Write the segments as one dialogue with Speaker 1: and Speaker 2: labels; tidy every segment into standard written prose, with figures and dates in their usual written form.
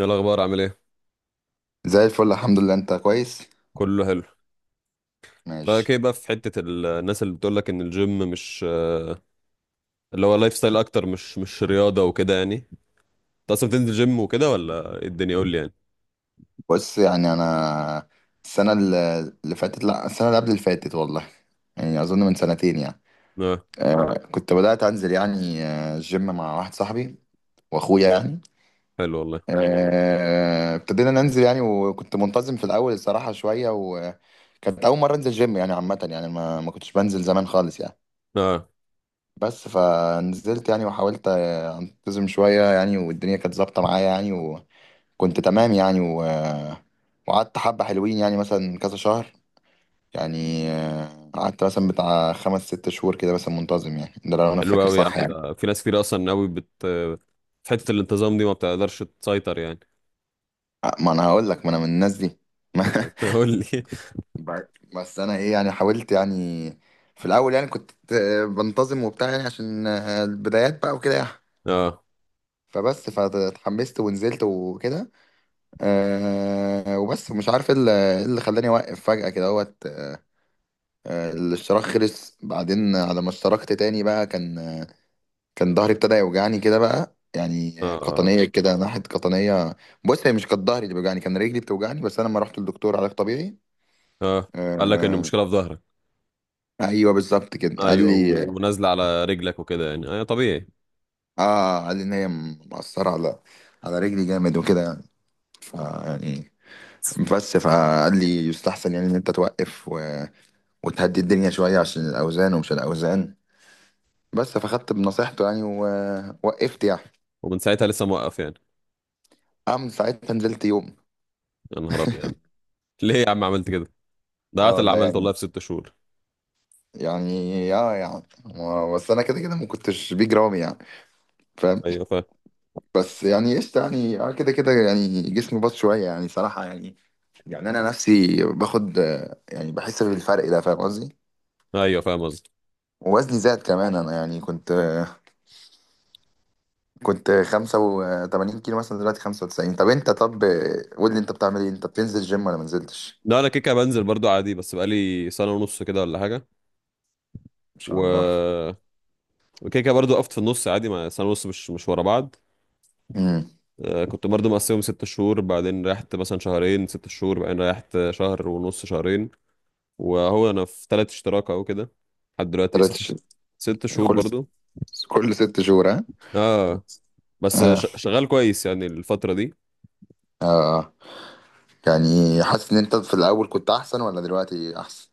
Speaker 1: ايه الاخبار؟ عامل ايه؟
Speaker 2: زي الفل، الحمد لله. انت كويس؟
Speaker 1: كله حلو. رايك
Speaker 2: ماشي.
Speaker 1: ايه بقى في حته الناس اللي بتقول لك ان الجيم مش اللي هو لايف ستايل اكتر، مش رياضه وكده يعني؟ انت اصلا بتنزل جيم وكده ولا إيه الدنيا، قول لي يعني.
Speaker 2: بص، يعني انا السنه اللي فاتت، لا، السنه اللي قبل اللي فاتت، والله يعني اظن من سنتين يعني.
Speaker 1: اه،
Speaker 2: كنت بدات انزل يعني، الجيم مع واحد صاحبي واخويا يعني.
Speaker 1: حلو والله.
Speaker 2: ابتدينا ننزل يعني، وكنت منتظم في الاول الصراحه شويه، وكانت اول مره انزل جيم يعني عامه، يعني ما كنتش بنزل زمان خالص يعني.
Speaker 1: اه،
Speaker 2: بس فنزلت يعني، وحاولت انتظم شويه يعني، والدنيا كانت ظابطه معايا يعني، كنت تمام يعني. وقعدت حبة حلوين يعني، مثلا كذا شهر، يعني قعدت مثلا بتاع خمس ست شهور كده مثلا منتظم يعني، ده لو أنا
Speaker 1: حلو
Speaker 2: فاكر
Speaker 1: قوي يا عم.
Speaker 2: صح يعني.
Speaker 1: ده في ناس كتير اصلا قوي بت آه، في حته الانتظام دي ما بتقدرش تسيطر يعني.
Speaker 2: ما أنا هقول لك، ما أنا من الناس دي.
Speaker 1: قول لي.
Speaker 2: ب- بس أنا إيه يعني، حاولت يعني. في الأول يعني كنت بنتظم وبتاع يعني، عشان البدايات بقى وكده يعني.
Speaker 1: اه.
Speaker 2: فبس فاتحمست ونزلت وكده. وبس مش عارف ايه اللي إيه اللي خلاني اوقف فجأة كده اهوت. الاشتراك خلص، بعدين على ما اشتركت تاني بقى، كان ظهري ابتدى يوجعني كده بقى يعني،
Speaker 1: اه.
Speaker 2: قطنية،
Speaker 1: اه.
Speaker 2: كده ناحية قطنية. بص، هي مش كانت ظهري اللي بيوجعني، كان رجلي بتوجعني، بس انا لما رحت للدكتور علاج طبيعي.
Speaker 1: آه. قال لك ان
Speaker 2: آه،
Speaker 1: المشكله في ظهرك؟
Speaker 2: ايوه بالظبط كده قال
Speaker 1: ايوه
Speaker 2: لي.
Speaker 1: ونازله على رجلك وكده يعني، طبيعي.
Speaker 2: اه قال لي ان هي مأثرة على رجلي جامد وكده يعني. يعني بس، فقال لي يستحسن يعني ان انت توقف وتهدي الدنيا شوية عشان الاوزان ومش الاوزان. بس فخدت بنصيحته يعني ووقفت يعني.
Speaker 1: ومن ساعتها لسه موقف يعني؟
Speaker 2: أعمل ساعتها، نزلت يوم.
Speaker 1: يا نهار ابيض، ليه يا عم عملت كده؟ ده
Speaker 2: اه
Speaker 1: عارف اللي
Speaker 2: والله
Speaker 1: عملته
Speaker 2: يعني
Speaker 1: والله في 6 شهور.
Speaker 2: يعني اه يعني بس انا كده كده ما كنتش بيج رامي يعني، فاهم.
Speaker 1: ايوه فاهم.
Speaker 2: بس يعني قشطه يعني، اه كده كده يعني جسمي باظ شويه يعني صراحه يعني. يعني انا نفسي باخد، يعني بحس بالفرق ده، فاهم قصدي.
Speaker 1: ايوه فاهم قصدي.
Speaker 2: ووزني زاد كمان، انا يعني كنت، كنت 85 كيلو مثلا، دلوقتي 95. طب انت، طب آه، قول لي، انت بتعمل ايه؟ انت بتنزل جيم ولا ما نزلتش؟
Speaker 1: لا انا كيكه بنزل برضو عادي، بس بقالي سنه ونص كده ولا حاجه،
Speaker 2: ان شاء الله.
Speaker 1: و وكيكه برضو وقفت في النص عادي. مع سنه ونص مش ورا بعض.
Speaker 2: امم.
Speaker 1: كنت برضو مقسمهم 6 شهور بعدين ريحت مثلا شهرين، 6 شهور بعدين ريحت شهر ونص، شهرين. وهو انا في تلات اشتراك اهو كده لحد دلوقتي.
Speaker 2: ثلاث
Speaker 1: ست
Speaker 2: ش...
Speaker 1: شهور 6 شهور
Speaker 2: كل
Speaker 1: برضو.
Speaker 2: كل ست شهور، ها؟
Speaker 1: اه. بس
Speaker 2: اه.
Speaker 1: شغال كويس يعني الفتره دي.
Speaker 2: آه. يعني حاسس ان انت في الاول كنت احسن، ولا دلوقتي احسن؟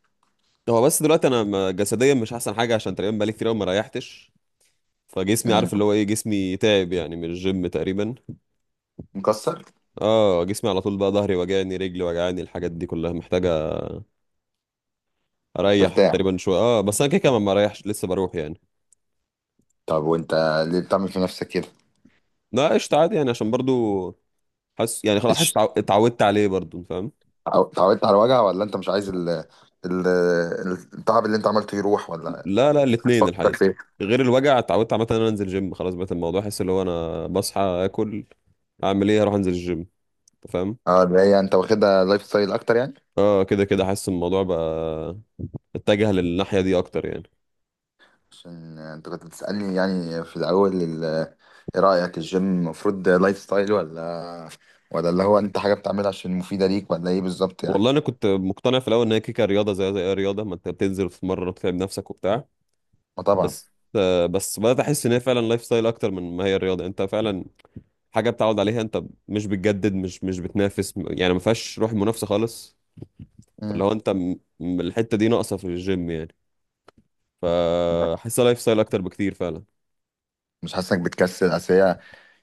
Speaker 1: هو بس دلوقتي انا جسديا مش احسن حاجه، عشان تقريبا بقالي كتير قوي ما ريحتش. فجسمي
Speaker 2: مم.
Speaker 1: عارف اللي هو ايه، جسمي تعب يعني من الجيم تقريبا.
Speaker 2: مكسر.
Speaker 1: اه جسمي على طول بقى، ظهري وجعني، رجلي وجعاني، الحاجات دي كلها محتاجه اريح
Speaker 2: مرتاح.
Speaker 1: تقريبا شويه. اه بس انا كده كده ما بريحش لسه بروح يعني.
Speaker 2: طب وانت ليه بتعمل في نفسك كده؟
Speaker 1: لا قشطه عادي يعني عشان برضو حاسس يعني خلاص، حاسس
Speaker 2: إيش؟
Speaker 1: اتعودت عليه برضو. أنت فاهم؟
Speaker 2: اتعودت على الوجع، ولا انت مش عايز ال... التعب اللي انت عملته يروح، ولا
Speaker 1: لا لا، الاثنين
Speaker 2: هتفكر
Speaker 1: الحقيقه.
Speaker 2: في ايه؟
Speaker 1: غير الوجع، اتعودت عامه ان انا انزل جيم. خلاص بقيت الموضوع احس اللي هو انا بصحى اكل، اعمل ايه، اروح انزل الجيم. أنت فاهم.
Speaker 2: اه، اللي هي انت واخدها لايف ستايل اكتر يعني.
Speaker 1: اه كده كده، حاسس الموضوع بقى اتجه للناحيه دي اكتر يعني.
Speaker 2: عشان انت كنت بتسألني يعني في الاول، ايه رأيك، الجيم المفروض لايف ستايل، ولا اللي هو انت حاجة بتعملها عشان مفيدة ليك، ولا ايه بالظبط يعني؟
Speaker 1: والله انا كنت مقتنع في الاول ان هي كيكه رياضه، زي اي رياضه، ما انت بتنزل وتتمرن وتتعب نفسك وبتاع.
Speaker 2: ما طبعا.
Speaker 1: بس بس بدات احس ان هي فعلا لايف ستايل اكتر من ما هي الرياضه. انت فعلا حاجه بتعود عليها، انت مش بتجدد، مش بتنافس يعني، ما فيهاش روح منافسه خالص. فاللي
Speaker 2: مم.
Speaker 1: هو انت الحته دي ناقصه في الجيم يعني. فحسها لايف ستايل اكتر بكتير فعلا.
Speaker 2: مش حاسس انك بتكسل؟ اصل هي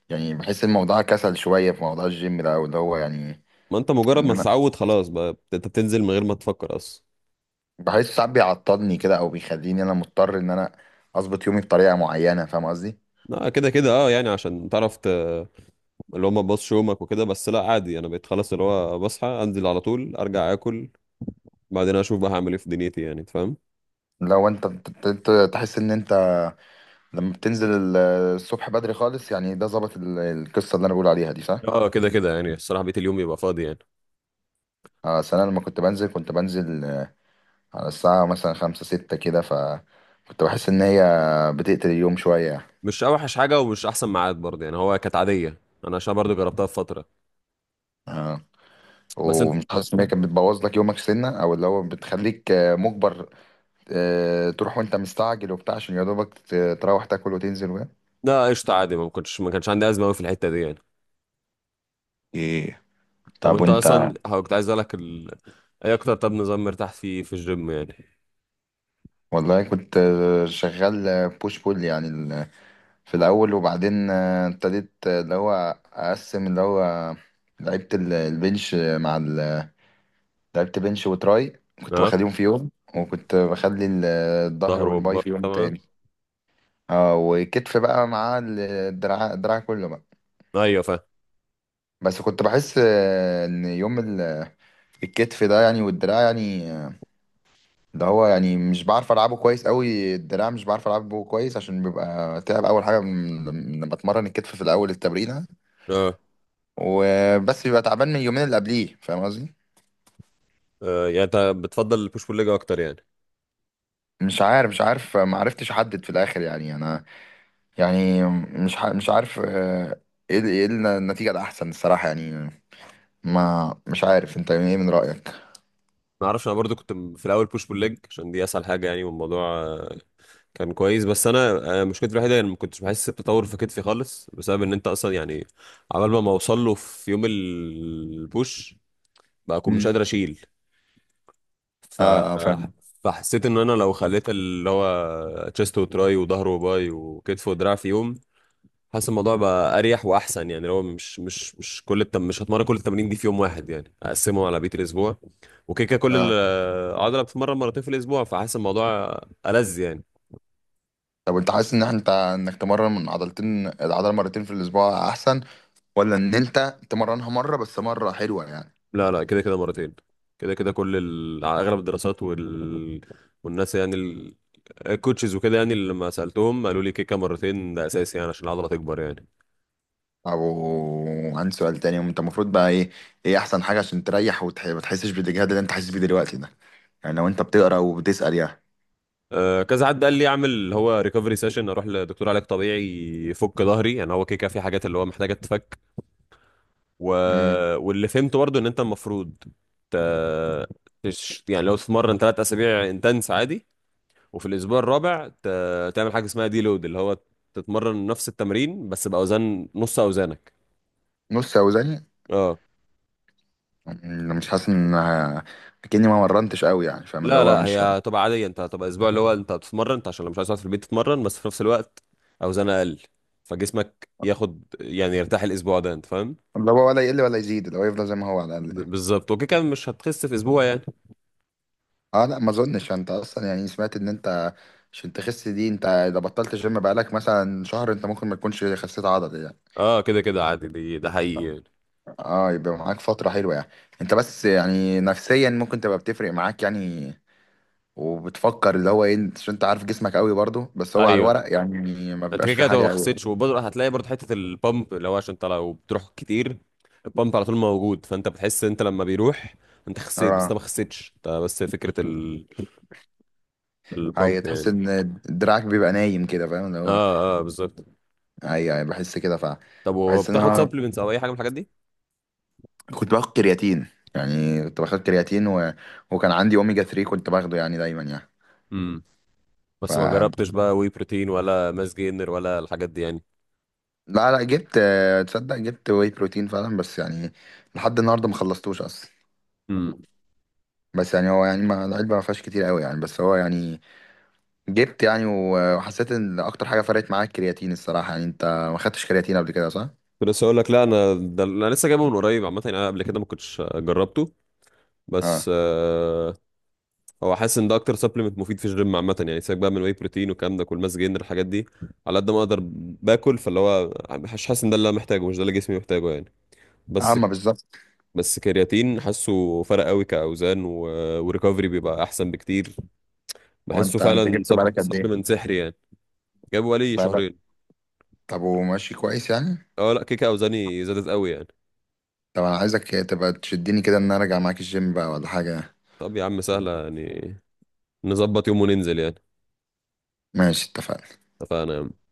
Speaker 2: يعني، بحس الموضوع كسل شوية في موضوع الجيم ده، أو اللي هو يعني.
Speaker 1: ما انت مجرد
Speaker 2: إن
Speaker 1: ما
Speaker 2: أنا
Speaker 1: تتعود خلاص بقى انت بتنزل من غير ما تفكر اصلا.
Speaker 2: بحس ساعات بيعطلني كده، أو بيخليني أنا مضطر إن أنا أظبط يومي بطريقة معينة، فاهم قصدي؟
Speaker 1: لا كده كده اه يعني، عشان تعرف، اللي هو ما تبصش يومك وكده. بس لا عادي، انا بقيت خلاص اللي هو بصحى انزل على طول، ارجع اكل، بعدين اشوف بقى هعمل ايه في دنيتي يعني. أنت فاهم.
Speaker 2: لو أنت، أنت تحس إن أنت لما بتنزل الصبح بدري خالص يعني، ده ظبط القصة اللي أنا بقول عليها دي، صح؟
Speaker 1: اه كده كده يعني الصراحه، بقيت اليوم يبقى فاضي يعني.
Speaker 2: أصل أنا لما كنت بنزل، على الساعة مثلا خمسة ستة كده، فكنت بحس إن هي بتقتل اليوم شوية يعني.
Speaker 1: مش اوحش حاجه ومش احسن ميعاد برضه يعني، هو كانت عاديه. انا عشان برضه جربتها في فتره. بس انت،
Speaker 2: ومش حاسس إن هي كانت بتبوظ لك يومك سنة، أو اللي هو بتخليك مجبر تروح وانت مستعجل وبتاع، عشان يا دوبك تروح تاكل وتنزل وكده؟
Speaker 1: لا قشطه عادي، ما كنتش، ما كانش عندي ازمه قوي في الحته دي يعني.
Speaker 2: ايه.
Speaker 1: طب
Speaker 2: طب
Speaker 1: انت
Speaker 2: وانت.
Speaker 1: اصلا هو كنت عايز اسالك ايه اكتر، طب نظام مرتاح فيه في الجيم يعني؟
Speaker 2: والله كنت شغال بوش بول يعني في الاول، وبعدين ابتديت، اللي هو اقسم، اللي هو لعبت ال- البنش مع ال- لعبت بنش وتراي، كنت
Speaker 1: اه،
Speaker 2: بخليهم في يوم. وكنت بخلي الظهر
Speaker 1: ظهر
Speaker 2: والباي
Speaker 1: وبطن
Speaker 2: في يوم
Speaker 1: طبعا.
Speaker 2: تاني. اه، وكتف بقى مع الدراع كله بقى.
Speaker 1: ايوه فاهم.
Speaker 2: بس كنت بحس ان يوم الكتف ده يعني، والدراع يعني، ده هو يعني مش بعرف العبه كويس قوي. الدراع مش بعرف العبه كويس، عشان بيبقى تعب اول حاجه، لما بتمرن الكتف في الاول التمرينه،
Speaker 1: اه،
Speaker 2: وبس بيبقى تعبان من اليومين اللي قبليه، فاهم قصدي؟
Speaker 1: يعني انت بتفضل البوش بول ليج اكتر يعني؟
Speaker 2: مش عارف ما عرفتش احدد في الاخر يعني. انا يعني مش عارف ايه إيه النتيجه الاحسن الصراحه يعني. ما مش عارف، انت ايه من رايك؟
Speaker 1: ما اعرفش. انا برضو كنت في الاول بوش بول ليج عشان دي اسهل حاجه يعني. والموضوع كان كويس. بس انا مشكلتي الوحيده ان ما كنتش بحس بتطور في كتفي خالص، بسبب ان انت اصلا يعني عبال ما ما اوصل له في يوم البوش، بقى اكون مش
Speaker 2: امم.
Speaker 1: قادر اشيل. ف
Speaker 2: اه اه،
Speaker 1: آه،
Speaker 2: فاهم.
Speaker 1: فحسيت ان انا لو خليت اللي هو تشيست وتراي وظهر وباي وكتف ودراع في يوم، حاسس الموضوع بقى اريح واحسن يعني. لو مش مش هتمرن كل التمارين دي في يوم واحد يعني، اقسمهم على بقيه الاسبوع. وكده كده كل
Speaker 2: اه.
Speaker 1: العضله بتتمرن مرتين في الاسبوع. فحاسس الموضوع ألذ يعني.
Speaker 2: طب انت حاسس ان احنا، انك تمرن من عضلتين العضله مرتين في الاسبوع احسن، ولا ان انت تمرنها مره بس، مره حلوه يعني؟
Speaker 1: لا لا كده كده مرتين. كده كده على اغلب الدراسات والناس يعني الكوتشز وكده يعني، اللي لما سالتهم قالوا لي كيكه مرتين ده اساسي يعني عشان العضله تكبر يعني.
Speaker 2: او عندي سؤال تاني، انت المفروض بقى ايه احسن حاجه عشان تريح وتح، ما تحسش بالاجهاد اللي انت حاسس بيه دلوقتي ده، يعني لو انت بتقرا وبتسال يعني.
Speaker 1: أه، كذا حد قال لي اعمل اللي هو ريكفري سيشن، اروح لدكتور علاج طبيعي يفك ظهري يعني. هو كيكه في حاجات اللي هو محتاجه تتفك. و...
Speaker 2: امم.
Speaker 1: واللي فهمته برضو ان انت المفروض ت... يعني لو تتمرن 3 اسابيع انتنس عادي، وفي الاسبوع الرابع تعمل حاجه اسمها دي لود، اللي هو تتمرن نفس التمرين بس باوزان نص اوزانك.
Speaker 2: نص اوزاني.
Speaker 1: اه
Speaker 2: مش حاسس ان كأني ما مرنتش قوي يعني، فاهم اللي
Speaker 1: لا
Speaker 2: هو
Speaker 1: لا، هي
Speaker 2: مش،
Speaker 1: هتبقى عاديه، انت هتبقى اسبوع اللي هو انت بتتمرن، انت عشان لو مش عايز تقعد في البيت تتمرن، بس في نفس الوقت اوزان اقل. فجسمك ياخد يعني يرتاح الاسبوع ده. انت فاهم؟
Speaker 2: اللي هو ولا يقل ولا يزيد، اللي هو يفضل زي ما هو على الاقل.
Speaker 1: بالظبط. وكده كده مش هتخس في اسبوع يعني.
Speaker 2: اه لا، ما اظنش. انت اصلا يعني سمعت ان انت عشان تخس دي، انت اذا بطلت جيم بقالك مثلا شهر، انت ممكن ما تكونش خسيت عضل يعني.
Speaker 1: اه كده كده عادي، دي ده حقيقي يعني.
Speaker 2: اه، يبقى معاك فترة حلوة يعني، انت بس يعني نفسيا ممكن تبقى بتفرق معاك يعني، وبتفكر اللي هو ايه عشان انت عارف جسمك قوي برضو، بس هو على
Speaker 1: ايوه،
Speaker 2: الورق يعني ما
Speaker 1: انت كده
Speaker 2: بيبقاش في
Speaker 1: كده هتبقى
Speaker 2: حاجة
Speaker 1: ما
Speaker 2: قوي.
Speaker 1: خسرتش، وبرضه هتلاقي برضه حته البامب، اللي هو عشان انت لو بتروح كتير البامب على طول موجود. فانت بتحس انت لما بيروح انت خسيت، بس انت
Speaker 2: اه.
Speaker 1: ما خسيتش، انت بس فكره البامب
Speaker 2: هي تحس
Speaker 1: يعني.
Speaker 2: ان دراعك بيبقى نايم كده، فاهم اللي هو.
Speaker 1: اه اه، بالظبط.
Speaker 2: اي اي، بحس كده.
Speaker 1: طب
Speaker 2: بحس ان
Speaker 1: وبتاخد
Speaker 2: انا
Speaker 1: سبلمنتس او اي حاجه من الحاجات دي؟
Speaker 2: كنت باخد كرياتين يعني، كنت باخد كرياتين و... وكان عندي اوميجا 3 كنت باخده يعني دايما يعني.
Speaker 1: امم.
Speaker 2: ف
Speaker 1: بس ما جربتش بقى وي بروتين ولا ماس جينر ولا الحاجات دي يعني.
Speaker 2: لا لا، جبت. تصدق جبت واي بروتين فعلا، بس يعني لحد النهارده ما خلصتوش اصلا.
Speaker 1: امم.
Speaker 2: بس يعني هو يعني، ما العلبة ما فيهاش كتير قوي يعني، بس هو يعني جبت يعني، وحسيت ان اكتر حاجة فرقت معاك الكرياتين الصراحة يعني. انت ما خدتش كرياتين قبل كده صح؟
Speaker 1: كنت لسه اقول لك. لا انا ده انا لسه جايبه من قريب عامه يعني، انا قبل كده ما كنتش جربته.
Speaker 2: اه.
Speaker 1: بس هو حاسس ان ده اكتر سبلمنت مفيد في الجيم عامه يعني. سيبك بقى من الواي بروتين والكلام ده، كل ماس جينر الحاجات دي. على قد ما اقدر باكل. فاللي هو مش حاسس ان ده اللي انا محتاجه، مش ده اللي جسمي محتاجه يعني. بس
Speaker 2: عامة بالظبط.
Speaker 1: بس كرياتين حاسه فرق قوي كاوزان، وريكفري بيبقى احسن بكتير.
Speaker 2: هو
Speaker 1: بحسه
Speaker 2: انت
Speaker 1: فعلا.
Speaker 2: جبت بالك قد ايه؟
Speaker 1: سبلمنت سحري يعني. جابه بقالي
Speaker 2: بالك.
Speaker 1: شهرين.
Speaker 2: طب وماشي كويس يعني؟
Speaker 1: اه لا كيكه اوزاني زادت قوي يعني.
Speaker 2: طب انا عايزك تبقى تشدني كده ان انا ارجع معاك الجيم بقى، ولا حاجة.
Speaker 1: طب يا عم سهله يعني، نظبط يوم وننزل يعني.
Speaker 2: ماشي، اتفقنا.
Speaker 1: اتفقنا يا عم.